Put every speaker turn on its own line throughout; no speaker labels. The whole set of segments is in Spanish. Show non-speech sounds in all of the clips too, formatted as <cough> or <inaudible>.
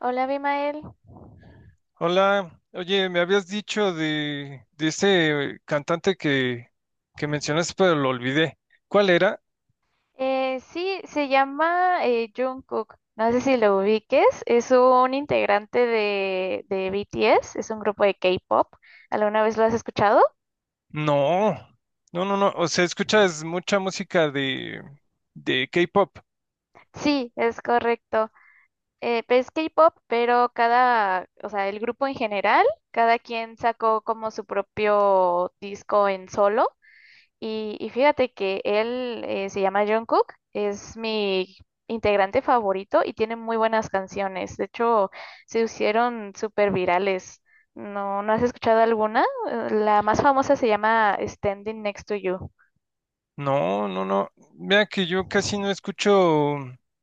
Hola, Abimael.
Hola, oye, me habías dicho de ese cantante que mencionaste, pero lo olvidé. ¿Cuál era?
Sí, se llama Jungkook. No sé si lo ubiques. Es un integrante de BTS. Es un grupo de K-pop. ¿Alguna vez lo has escuchado?
No, no, no, no. O sea, escuchas mucha música de K-pop.
Sí, es correcto. Pues es K-pop, pero o sea, el grupo en general, cada quien sacó como su propio disco en solo. Y fíjate que él se llama Jungkook, es mi integrante favorito y tiene muy buenas canciones. De hecho, se hicieron súper virales. ¿No has escuchado alguna? La más famosa se llama Standing Next to You.
No, no, no. Mira que yo casi no escucho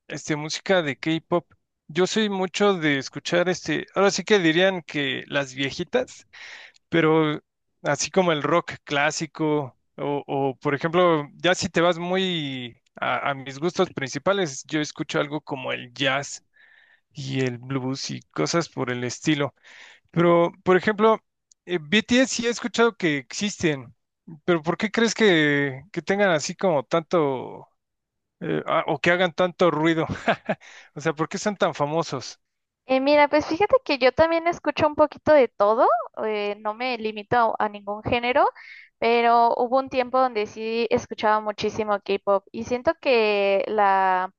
este, música de K-pop. Yo soy mucho de escuchar este. Ahora sí que dirían que las viejitas. Pero así como el rock clásico, o, por ejemplo, ya si te vas muy a mis gustos principales, yo escucho algo como el jazz y el blues y cosas por el estilo. Pero, por ejemplo, BTS sí he escuchado que existen, pero ¿por qué crees que tengan así como tanto, o que hagan tanto ruido? <laughs> O sea, ¿por qué son tan famosos?
Mira, pues fíjate que yo también escucho un poquito de todo, no me limito a ningún género, pero hubo un tiempo donde sí escuchaba muchísimo K-pop y siento que la,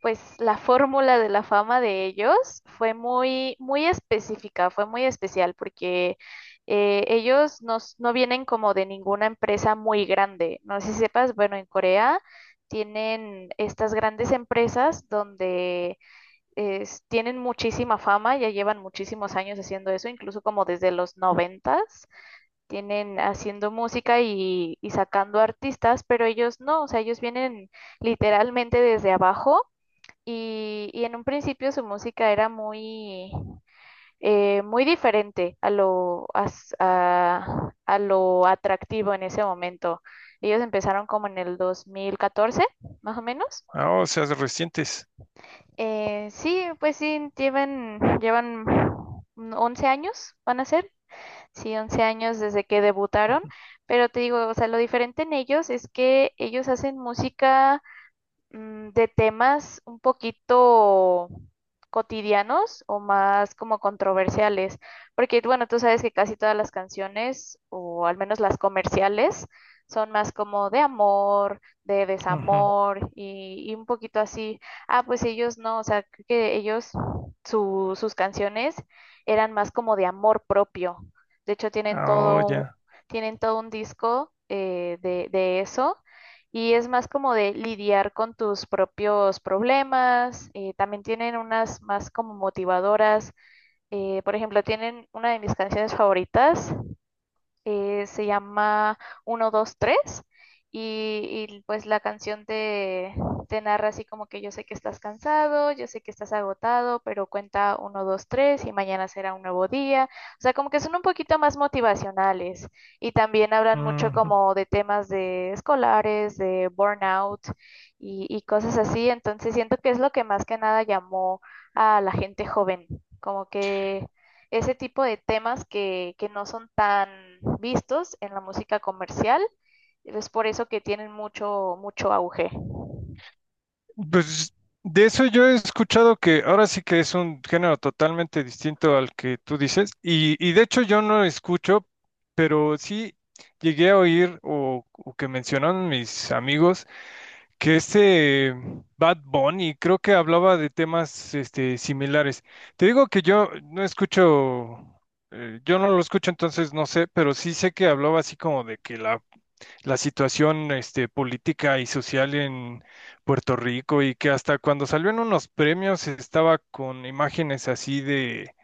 pues la fórmula de la fama de ellos fue muy, muy específica, fue muy especial porque ellos no vienen como de ninguna empresa muy grande. No sé si sepas, bueno, en Corea tienen estas grandes empresas donde tienen muchísima fama, ya llevan muchísimos años haciendo eso, incluso como desde los noventas, tienen haciendo música y sacando artistas, pero ellos no, o sea, ellos vienen literalmente desde abajo y en un principio su música era muy, muy diferente a a lo atractivo en ese momento. Ellos empezaron como en el 2014, más o menos.
Ah, o sea, recientes.
Sí, pues sí, llevan 11 años, van a ser, sí, 11 años desde que debutaron, pero te digo, o sea, lo diferente en ellos es que ellos hacen música de temas un poquito cotidianos o más como controversiales, porque bueno, tú sabes que casi todas las canciones, o al menos las comerciales, son más como de amor, de
Ujú.
desamor y un poquito así. Ah, pues ellos no, o sea, creo que ellos, sus canciones eran más como de amor propio. De hecho,
Ah, oh, ya.
tienen todo un disco de eso y es más como de lidiar con tus propios problemas. También tienen unas más como motivadoras. Por ejemplo, tienen una de mis canciones favoritas se llama uno 2 3 y, pues la canción te narra así como que yo sé que estás cansado, yo sé que estás agotado, pero cuenta uno 2 3 y mañana será un nuevo día. O sea, como que son un poquito más motivacionales y también hablan mucho como de temas de escolares, de burnout y cosas así. Entonces siento que es lo que más que nada llamó a la gente joven. Como que ese tipo de temas que no son tan vistos en la música comercial. Es por eso que tienen mucho, mucho auge.
Pues de eso yo he escuchado que ahora sí que es un género totalmente distinto al que tú dices, y de hecho yo no escucho, pero sí llegué a oír o que mencionaron mis amigos que este Bad Bunny creo que hablaba de temas este, similares. Te digo que yo no escucho, yo no lo escucho entonces no sé, pero sí sé que hablaba así como de que la situación este, política y social en Puerto Rico y que hasta cuando salió en unos premios estaba con imágenes así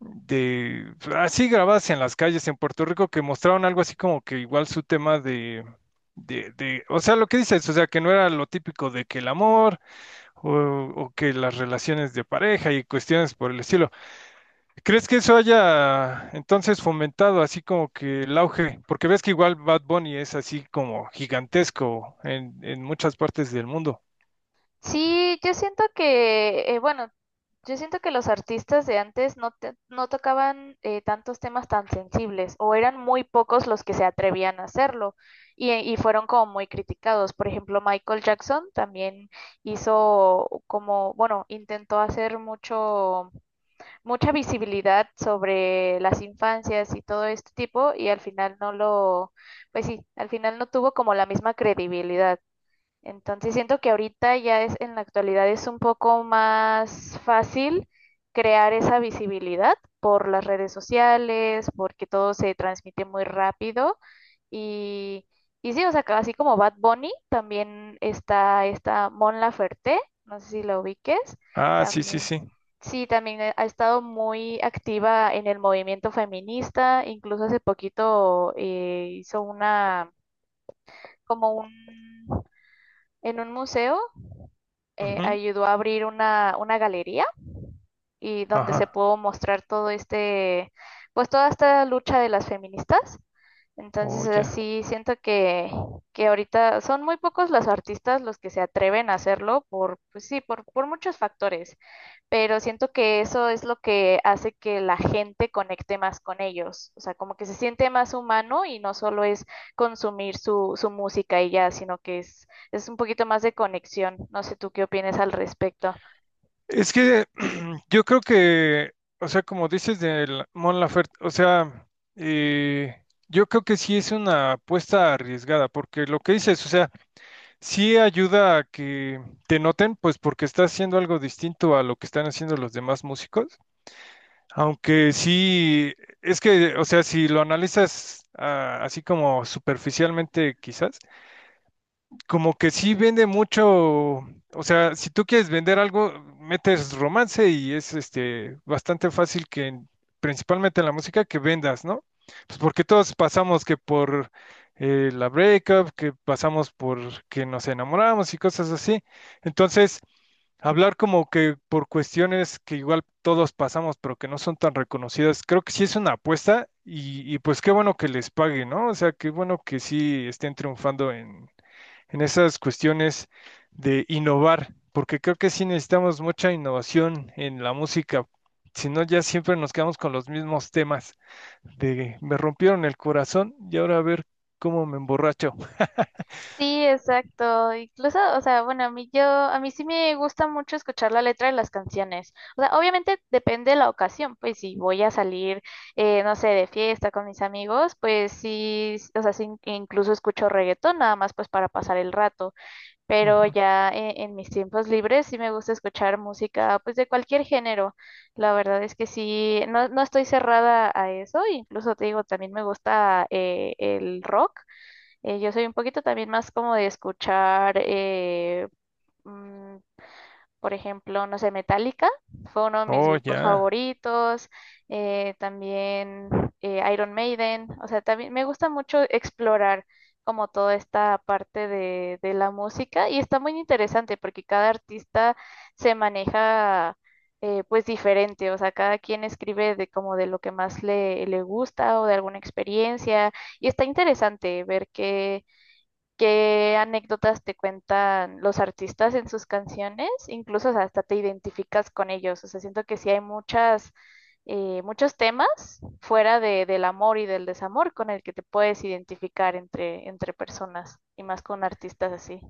de así grabadas en las calles en Puerto Rico que mostraron algo así como que igual su tema de... De, o sea, lo que dices, o sea, que no era lo típico de que el amor o, o que las relaciones de pareja y cuestiones por el estilo. ¿Crees que eso haya entonces fomentado así como que el auge? Porque ves que igual Bad Bunny es así como gigantesco en muchas partes del mundo.
Sí, yo siento que, bueno, yo siento que los artistas de antes no tocaban tantos temas tan sensibles o eran muy pocos los que se atrevían a hacerlo y fueron como muy criticados. Por ejemplo, Michael Jackson también hizo como, bueno, intentó hacer mucho mucha visibilidad sobre las infancias y todo este tipo y al final no lo, pues sí, al final no tuvo como la misma credibilidad. Entonces siento que ahorita ya es, en la actualidad es un poco más fácil crear esa visibilidad por las redes sociales, porque todo se transmite muy rápido. Y, y sí, o sea, así como Bad Bunny, también está esta Mon Laferte, no sé si la ubiques,
Ah, sí, sí,
también.
sí.
Sí, también ha estado muy activa en el movimiento feminista, incluso hace poquito hizo como un, en un museo
Ujú.
ayudó a abrir una galería y donde se
Ajá.
pudo mostrar todo este, pues toda esta lucha de las feministas.
Oh,
Entonces,
ya.
así siento que ahorita son muy pocos los artistas los que se atreven a hacerlo por, pues sí, por muchos factores, pero siento que eso es lo que hace que la gente conecte más con ellos, o sea, como que se siente más humano y no solo es consumir su, su música y ya, sino que es un poquito más de conexión. No sé tú qué opinas al respecto.
Es que <clears throat> yo creo que, o sea, como dices del Mon Laferte, o sea, eh, yo creo que sí es una apuesta arriesgada, porque lo que dices, o sea, sí ayuda a que te noten, pues porque estás haciendo algo distinto a lo que están haciendo los demás músicos, aunque sí, es que, o sea, si lo analizas ah, así como superficialmente quizás como que sí vende mucho, o sea, si tú quieres vender algo, metes romance y es este bastante fácil que en- principalmente en la música que vendas, ¿no? Pues porque todos pasamos que por la breakup, que pasamos por que nos enamoramos y cosas así. Entonces, hablar como que por cuestiones que igual todos pasamos, pero que no son tan reconocidas, creo que sí es una apuesta y pues qué bueno que les pague, ¿no? O sea, qué bueno que sí estén triunfando en esas cuestiones de innovar, porque creo que sí necesitamos mucha innovación en la música, si no ya siempre nos quedamos con los mismos temas de me rompieron el corazón y ahora a ver cómo me emborracho.
Sí, exacto. Incluso, o sea, bueno, a mí sí me gusta mucho escuchar la letra de las canciones. O sea, obviamente depende de la ocasión, pues si voy a salir, no sé, de fiesta con mis amigos, pues sí, o sea, sí, incluso escucho reggaetón, nada más pues para pasar el rato. Pero
Ujú.
ya en mis tiempos libres sí me gusta escuchar música, pues de cualquier género. La verdad es que sí, no, no estoy cerrada a eso. Incluso te digo, también me gusta el rock. Yo soy un poquito también más como de escuchar, mm, por ejemplo, no sé, Metallica, fue uno de mis
Oh,
grupos
ya.
favoritos, también Iron Maiden, o sea, también me gusta mucho explorar como toda esta parte de la música y está muy interesante porque cada artista se maneja pues diferente, o sea, cada quien escribe de como de lo que más le gusta o de alguna experiencia y está interesante ver que qué anécdotas te cuentan los artistas en sus canciones, incluso o sea, hasta te identificas con ellos. O sea, siento que sí hay muchos temas fuera del amor y del desamor con el que te puedes identificar entre personas y más con artistas así.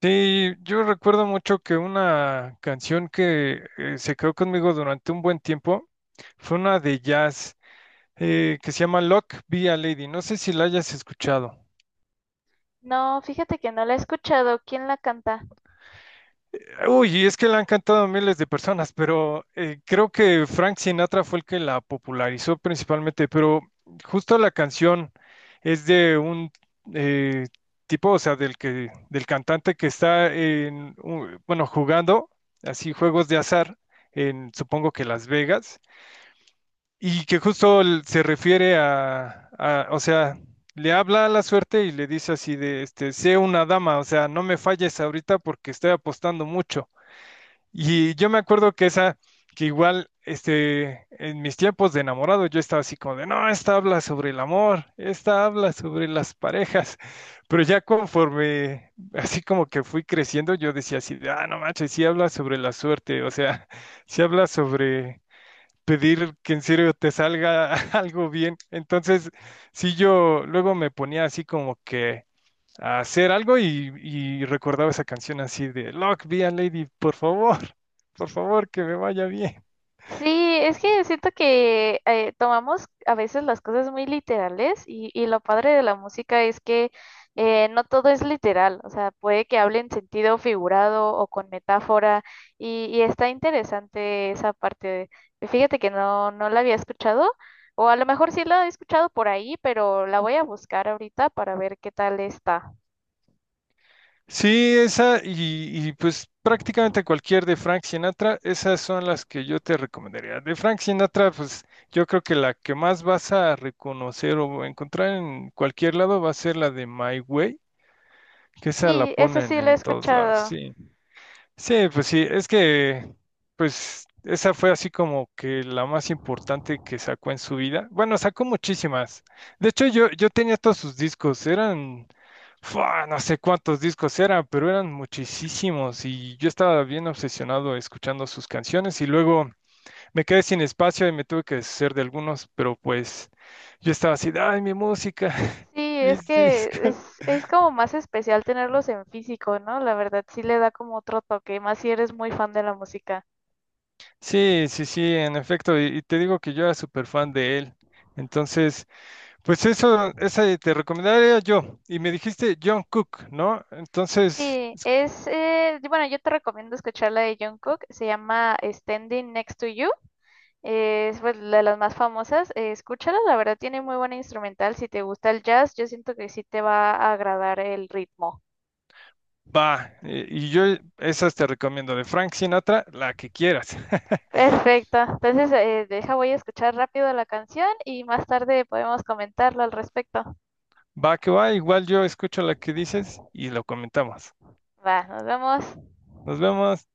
Sí, yo recuerdo mucho que una canción que se quedó conmigo durante un buen tiempo fue una de jazz que se llama Lock Be a Lady. No sé si la hayas escuchado.
No, fíjate que no la he escuchado. ¿Quién la canta?
Uy, es que la han cantado a miles de personas, pero creo que Frank Sinatra fue el que la popularizó principalmente, pero justo la canción es de un eh, tipo, o sea, del que, del cantante que está en, un- bueno, jugando así juegos de azar en, supongo que Las Vegas, y que justo l- se refiere a, o sea, le habla a la suerte y le dice así de, este, sé una dama, o sea, no me falles ahorita porque estoy apostando mucho. Y yo me acuerdo que esa, que igual, este, en mis tiempos de enamorado, yo estaba así como de, no, esta habla sobre el amor, esta habla sobre las parejas. Pero ya conforme, así como que fui creciendo, yo decía así, de, ah, no manches, sí habla sobre la suerte, o sea, <laughs> sí habla sobre pedir que en serio te salga <laughs> algo bien. Entonces, sí, yo luego me ponía así como que a hacer algo y recordaba esa canción así de Lock, be a lady, por favor, <laughs> por favor, que me vaya bien.
Sí, es que siento que tomamos a veces las cosas muy literales y lo padre de la música es que no todo es literal, o sea, puede que hable en sentido figurado o con metáfora y está interesante esa parte. Fíjate que no, no la había escuchado o a lo mejor sí la he escuchado por ahí, pero la voy a buscar ahorita para ver qué tal está.
Sí, esa y, pues prácticamente cualquier de Frank Sinatra, esas son las que yo te recomendaría. De Frank Sinatra, pues yo creo que la que más vas a reconocer o encontrar en cualquier lado va a ser la de My Way, que esa la
Sí, esa
ponen
sí la he
en todos lados.
escuchado.
Sí. Sí, pues sí, es que, pues, esa fue así como que la más importante que sacó en su vida. Bueno, sacó muchísimas. De hecho, yo tenía todos sus discos, eran, ¡fua! No sé cuántos discos eran, pero eran muchísimos y yo estaba bien obsesionado escuchando sus canciones y luego me quedé sin espacio y me tuve que deshacer de algunos, pero pues yo estaba así, ay, mi música, <laughs>
Sí,
mis discos.
es como más especial tenerlos en físico, ¿no? La verdad sí le da como otro toque, más si eres muy fan de la música.
Sí, sí, sí, en efecto, y te digo que yo era súper fan de él. Entonces, pues eso, esa te recomendaría yo. Y me dijiste John Cook, ¿no? Entonces,
Sí, y bueno, yo te recomiendo escuchar la de Jungkook, se llama Standing Next to You, es pues, la de las más famosas, escúchala, la verdad tiene muy buena instrumental, si te gusta el jazz, yo siento que sí te va a agradar el ritmo.
va, y yo esas te recomiendo, de Frank Sinatra, la que quieras. <laughs>
Perfecto, entonces deja, voy a escuchar rápido la canción y más tarde podemos comentarlo al respecto.
Va que va, igual yo escucho la que dices y lo comentamos.
Va, nos vemos.
Nos vemos.